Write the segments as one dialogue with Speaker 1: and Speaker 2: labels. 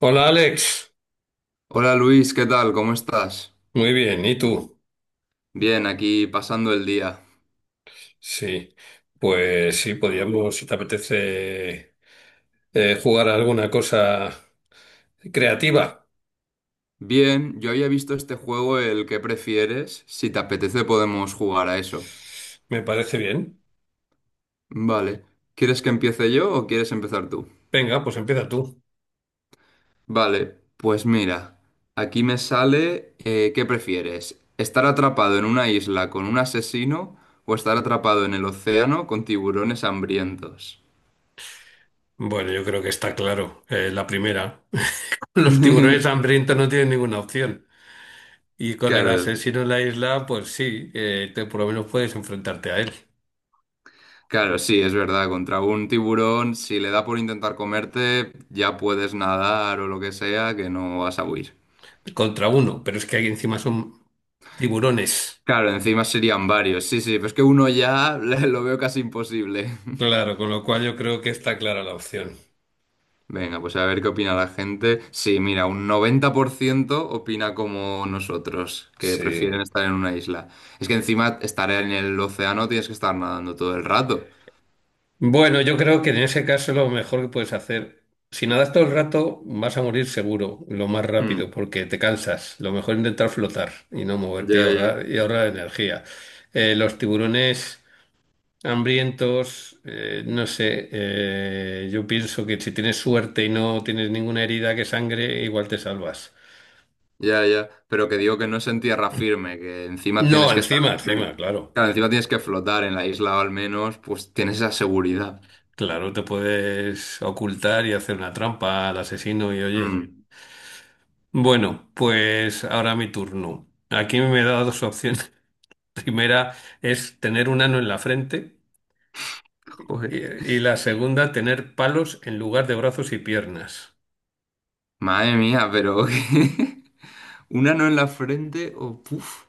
Speaker 1: Hola Alex,
Speaker 2: Hola Luis, ¿qué tal? ¿Cómo estás?
Speaker 1: muy bien, ¿y tú?
Speaker 2: Bien, aquí pasando el día.
Speaker 1: Sí, pues sí, podríamos, si te apetece, jugar a alguna cosa creativa,
Speaker 2: Bien, yo había visto este juego, el que prefieres. Si te apetece podemos jugar a eso.
Speaker 1: me parece bien.
Speaker 2: Vale. ¿Quieres que empiece yo o quieres empezar tú?
Speaker 1: Venga, pues empieza tú.
Speaker 2: Vale, pues mira, aquí me sale ¿qué prefieres? ¿Estar atrapado en una isla con un asesino o estar atrapado en el océano con tiburones hambrientos?
Speaker 1: Bueno, yo creo que está claro, la primera. Los tiburones hambrientos no tienen ninguna opción. Y con el
Speaker 2: Claro,
Speaker 1: asesino en la isla, pues sí, por lo menos puedes enfrentarte a él,
Speaker 2: claro, sí, es verdad. Contra un tiburón, si le da por intentar comerte, ya puedes nadar o lo que sea, que no vas a huir.
Speaker 1: contra uno, pero es que aquí encima son tiburones.
Speaker 2: Claro, encima serían varios. Sí, sí, pero es que uno ya lo veo casi imposible.
Speaker 1: Claro, con lo cual yo creo que está clara la opción.
Speaker 2: Venga, pues a ver qué opina la gente. Sí, mira, un 90% opina como nosotros, que prefieren
Speaker 1: Sí.
Speaker 2: estar en una isla. Es que encima estar en el océano tienes que estar nadando todo el rato.
Speaker 1: Bueno, yo creo que en ese caso lo mejor que puedes hacer, si nadas todo el rato, vas a morir seguro, lo más
Speaker 2: Hmm.
Speaker 1: rápido, porque te cansas. Lo mejor es intentar flotar y no moverte
Speaker 2: Ya, ya.
Speaker 1: y ahorrar energía. Los tiburones hambrientos, no sé, yo pienso que si tienes suerte y no tienes ninguna herida que sangre, igual te salvas.
Speaker 2: Ya, ya, pero que digo que no es en tierra firme, que encima
Speaker 1: No,
Speaker 2: tienes que estar,
Speaker 1: encima, encima,
Speaker 2: en-
Speaker 1: claro.
Speaker 2: claro, encima tienes que flotar en la isla o al menos, pues tienes esa seguridad.
Speaker 1: Claro, te puedes ocultar y hacer una trampa al asesino y oye.
Speaker 2: Mm.
Speaker 1: Bueno, pues ahora mi turno. Aquí me he dado dos opciones. La primera es tener un ano en la frente y,
Speaker 2: Joder,
Speaker 1: y la segunda tener palos en lugar de brazos y piernas.
Speaker 2: madre mía, pero un ano en la frente o puf,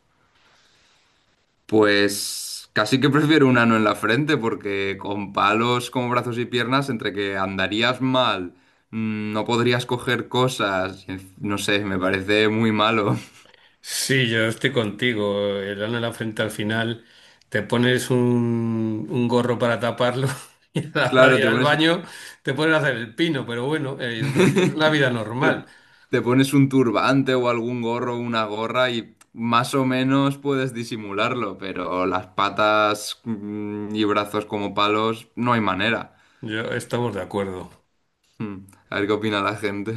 Speaker 2: pues casi que prefiero un ano en la frente porque con palos como brazos y piernas, entre que andarías mal, no podrías coger cosas, y no sé, me parece muy malo.
Speaker 1: Sí, yo estoy contigo. El ano en la frente al final te pones un gorro para taparlo y a la hora de
Speaker 2: Claro,
Speaker 1: ir
Speaker 2: te
Speaker 1: al
Speaker 2: pones,
Speaker 1: baño te puedes hacer el pino, pero bueno, el resto es una vida normal.
Speaker 2: Te, te pones un turbante o algún gorro una gorra y más o menos puedes disimularlo, pero las patas y brazos como palos no hay manera.
Speaker 1: Yo estamos de acuerdo.
Speaker 2: Mm. A ver qué opina la gente.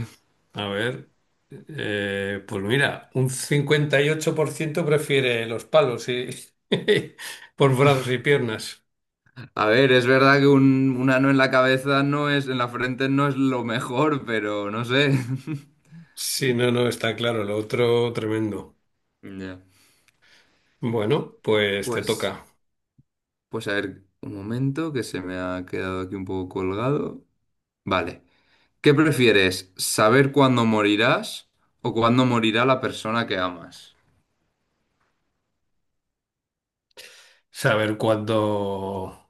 Speaker 1: A ver, pues mira, un 58% prefiere los palos y por brazos y piernas.
Speaker 2: A ver, es verdad que un ano en la cabeza no es, en la frente no es lo mejor, pero no sé.
Speaker 1: Sí, no, no, está claro, lo otro tremendo.
Speaker 2: Ya.
Speaker 1: Bueno, pues te
Speaker 2: Pues,
Speaker 1: toca
Speaker 2: pues a ver, un momento que se me ha quedado aquí un poco colgado. Vale. ¿Qué prefieres? ¿Saber cuándo morirás o cuándo morirá la persona que amas?
Speaker 1: saber cuándo,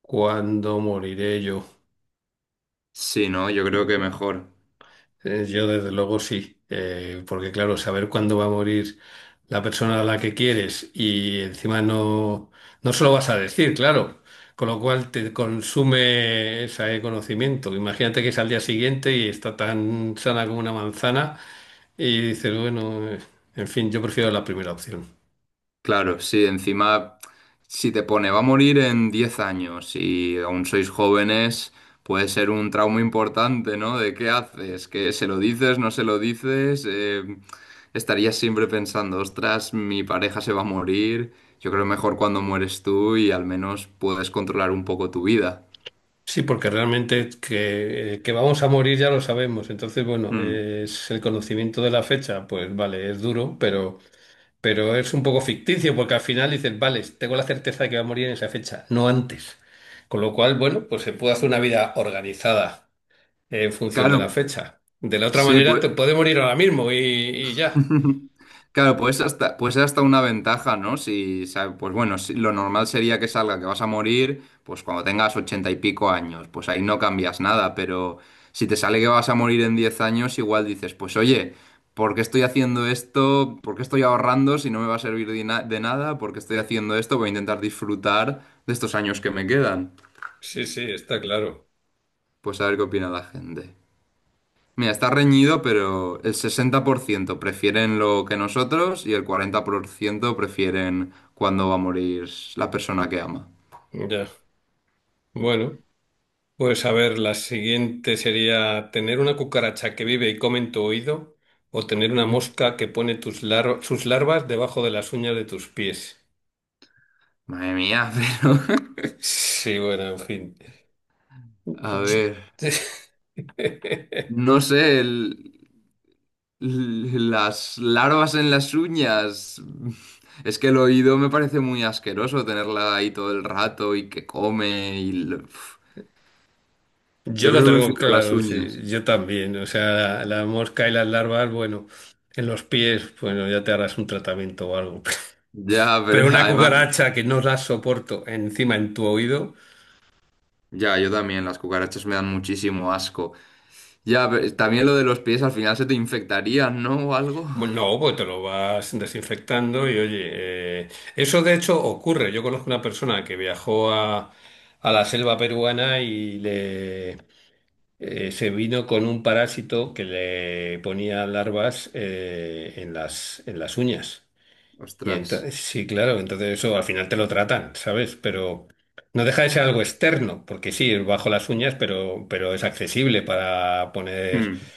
Speaker 1: cuándo moriré yo.
Speaker 2: Sí, no, yo creo que mejor.
Speaker 1: Yo desde luego sí, porque claro, saber cuándo va a morir la persona a la que quieres y encima no se lo vas a decir, claro, con lo cual te consume ese conocimiento. Imagínate que es al día siguiente y está tan sana como una manzana y dices, bueno, en fin, yo prefiero la primera opción.
Speaker 2: Claro, sí, encima, si te pone va a morir en 10 años y aún sois jóvenes, puede ser un trauma importante, ¿no? ¿De qué haces? ¿Que se lo dices, no se lo dices? Estarías siempre pensando, ostras, mi pareja se va a morir. Yo creo mejor cuando mueres tú y al menos puedes controlar un poco tu vida.
Speaker 1: Sí, porque realmente que vamos a morir ya lo sabemos, entonces bueno,
Speaker 2: Mm.
Speaker 1: es el conocimiento de la fecha, pues vale, es duro, pero. Pero es un poco ficticio porque al final dices, vale, tengo la certeza de que va a morir en esa fecha, no antes. Con lo cual, bueno, pues se puede hacer una vida organizada en función de la
Speaker 2: Claro,
Speaker 1: fecha. De la otra
Speaker 2: sí,
Speaker 1: manera,
Speaker 2: pues.
Speaker 1: te puede morir ahora mismo y ya.
Speaker 2: Claro, pues hasta una ventaja, ¿no? Si, pues bueno, lo normal sería que salga que vas a morir, pues cuando tengas ochenta y pico años, pues ahí no cambias nada, pero si te sale que vas a morir en 10 años, igual dices, pues oye, ¿por qué estoy haciendo esto? ¿Por qué estoy ahorrando si no me va a servir de, de nada? ¿Por qué estoy haciendo esto? Voy a intentar disfrutar de estos años que me quedan.
Speaker 1: Sí, sí, está claro.
Speaker 2: Pues a ver qué opina la gente. Mira, está reñido, pero el 60% prefieren lo que nosotros y el 40% prefieren cuándo va a morir la persona que ama.
Speaker 1: Ya. Bueno, pues a ver, la siguiente sería tener una cucaracha que vive y come en tu oído o tener una
Speaker 2: Mm.
Speaker 1: mosca que pone sus larvas debajo de las uñas de tus pies.
Speaker 2: Madre mía, pero...
Speaker 1: Sí, bueno, en fin.
Speaker 2: A
Speaker 1: Yo
Speaker 2: ver, no sé, las larvas en las uñas. Es que el oído me parece muy asqueroso tenerla ahí todo el rato y que come y... Uf, yo
Speaker 1: yo lo
Speaker 2: creo que
Speaker 1: tengo
Speaker 2: prefiero las
Speaker 1: claro, sí,
Speaker 2: uñas.
Speaker 1: yo también. O sea, la mosca y las larvas, bueno, en los pies, bueno, ya te harás un tratamiento o algo.
Speaker 2: Ya,
Speaker 1: Pero
Speaker 2: pero
Speaker 1: una
Speaker 2: además...
Speaker 1: cucaracha que no la soporto encima en tu oído,
Speaker 2: Ya, yo también, las cucarachas me dan muchísimo asco. Ya, pero también lo de los pies, al final se te infectarían, ¿no? O algo.
Speaker 1: bueno, no, pues te lo vas desinfectando y oye, eh, eso de hecho ocurre. Yo conozco una persona que viajó a la selva peruana y le se vino con un parásito que le ponía larvas en las uñas. Y
Speaker 2: Ostras.
Speaker 1: entonces, sí, claro, entonces eso al final te lo tratan, ¿sabes? Pero no deja de ser algo externo, porque sí, es bajo las uñas, pero es accesible
Speaker 2: Hmm.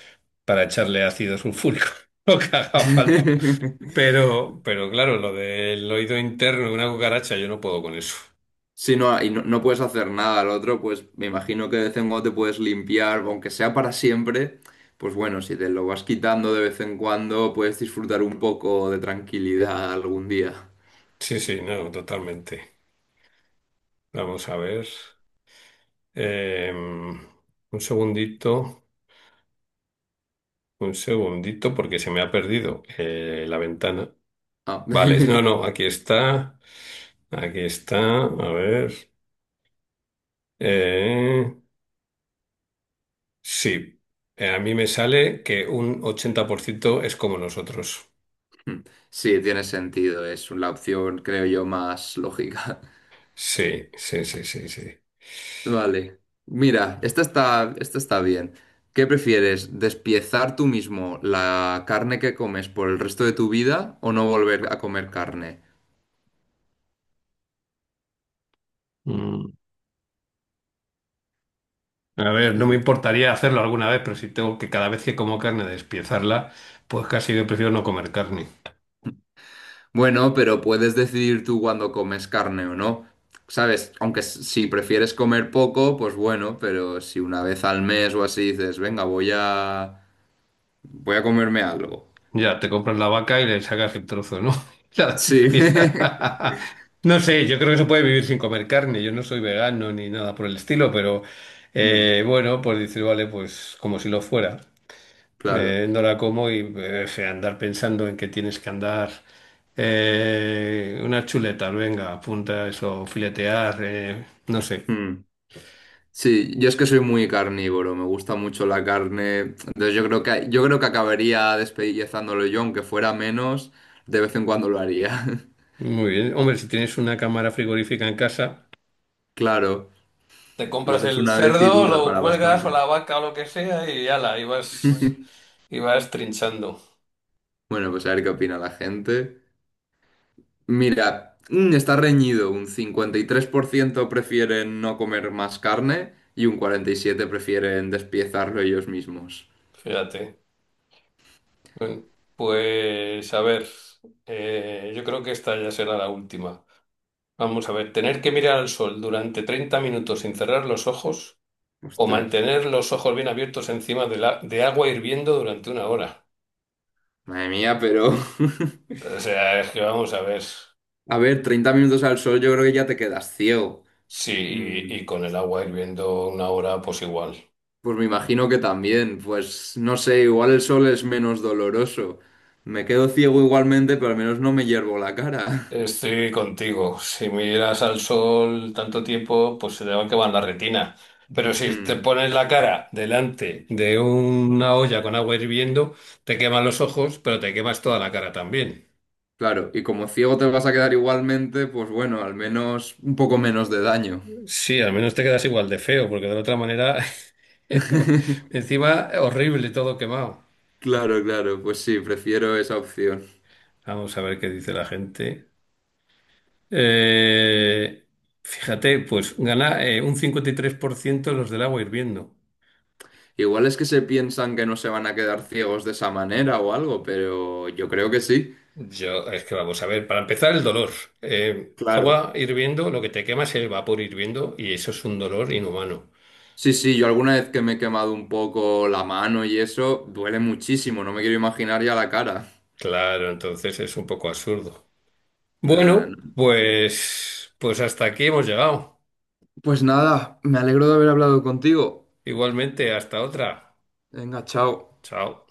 Speaker 1: para echarle ácido sulfúrico, lo que haga falta. Pero claro, lo del oído interno de una cucaracha, yo no puedo con eso.
Speaker 2: Sí, no, y no, no puedes hacer nada al otro, pues me imagino que de vez en cuando te puedes limpiar, aunque sea para siempre, pues bueno, si te lo vas quitando de vez en cuando, puedes disfrutar un poco de tranquilidad algún día.
Speaker 1: Sí, sí, no, totalmente. Vamos a ver. Un segundito, un segundito, porque se me ha perdido la ventana.
Speaker 2: Ah.
Speaker 1: Vale, no, no, aquí está, a ver. Eh, sí, a mí me sale que un 80% es como nosotros.
Speaker 2: Sí, tiene sentido, es la opción, creo yo, más lógica.
Speaker 1: Sí, sí, sí, sí, sí.
Speaker 2: Vale. Mira, esta está bien. ¿Qué prefieres? ¿Despiezar tú mismo la carne que comes por el resto de tu vida o no volver a comer carne?
Speaker 1: Mm. A ver, no me
Speaker 2: Decir,
Speaker 1: importaría hacerlo alguna vez, pero si tengo que cada vez que como carne despiezarla, pues casi que prefiero no comer carne.
Speaker 2: Bueno, pero puedes decidir tú cuando comes carne o no. ¿Sabes? Aunque si prefieres comer poco, pues bueno, pero si una vez al mes o así dices, venga, voy a comerme algo.
Speaker 1: Ya, te compras la vaca y le sacas el trozo, ¿no? La
Speaker 2: Sí.
Speaker 1: pieza. No sé, yo creo que se puede vivir sin comer carne. Yo no soy vegano ni nada por el estilo, pero
Speaker 2: Mm,
Speaker 1: bueno, pues dices, vale, pues como si lo fuera.
Speaker 2: claro.
Speaker 1: No la como y andar pensando en que tienes que andar unas chuletas, venga, apunta eso, filetear, no sé.
Speaker 2: Mm. Sí, yo es que soy muy carnívoro, me gusta mucho la carne, entonces yo creo que acabaría despellezándolo yo, aunque fuera menos, de vez en cuando lo haría.
Speaker 1: Muy bien. Hombre, si tienes una cámara frigorífica en casa.
Speaker 2: Claro,
Speaker 1: Te
Speaker 2: lo
Speaker 1: compras
Speaker 2: haces
Speaker 1: el
Speaker 2: una vez y
Speaker 1: cerdo,
Speaker 2: dura
Speaker 1: lo
Speaker 2: para
Speaker 1: cuelgas o
Speaker 2: bastante.
Speaker 1: la vaca o lo que sea y ala, y vas, y vas trinchando.
Speaker 2: Bueno, pues a ver qué opina la gente. Mira, está reñido, un 53% prefieren no comer más carne y un 47% prefieren despiezarlo ellos mismos.
Speaker 1: Fíjate. Bueno, pues a ver, yo creo que esta ya será la última. Vamos a ver, tener que mirar al sol durante 30 minutos sin cerrar los ojos o
Speaker 2: Ostras,
Speaker 1: mantener los ojos bien abiertos encima de agua hirviendo durante una hora.
Speaker 2: madre mía, pero...
Speaker 1: O sea, es que vamos a ver.
Speaker 2: A ver, 30 minutos al sol yo creo que ya te quedas ciego.
Speaker 1: Sí,
Speaker 2: Mm.
Speaker 1: y con el agua hirviendo una hora, pues igual.
Speaker 2: Pues me imagino que también, pues no sé, igual el sol es menos doloroso. Me quedo ciego igualmente, pero al menos no me hiervo la cara.
Speaker 1: Estoy contigo. Si miras al sol tanto tiempo, pues se te va a quemar la retina. Pero si te
Speaker 2: Mm.
Speaker 1: pones la cara delante de una olla con agua hirviendo, te queman los ojos, pero te quemas toda la cara también.
Speaker 2: Claro, y como ciego te vas a quedar igualmente, pues bueno, al menos un poco menos de daño.
Speaker 1: Sí, al menos te quedas igual de feo, porque de la otra manera, encima, horrible, todo quemado.
Speaker 2: Claro, claro, pues sí, prefiero esa opción.
Speaker 1: Vamos a ver qué dice la gente. Eh, fíjate, pues gana un 53% los del agua hirviendo.
Speaker 2: Igual es que se piensan que no se van a quedar ciegos de esa manera o algo, pero yo creo que sí.
Speaker 1: Yo, es que vamos a ver, para empezar el dolor. Eh,
Speaker 2: Claro.
Speaker 1: agua hirviendo, lo que te quema es el vapor hirviendo y eso es un dolor inhumano.
Speaker 2: Sí, sí, yo alguna vez que me he quemado un poco la mano y eso, duele muchísimo, no me quiero imaginar ya la cara.
Speaker 1: Claro, entonces es un poco absurdo.
Speaker 2: Nada, no.
Speaker 1: Bueno, pues hasta aquí hemos llegado.
Speaker 2: Pues nada, me alegro de haber hablado contigo.
Speaker 1: Igualmente, hasta otra.
Speaker 2: Venga, chao.
Speaker 1: Chao.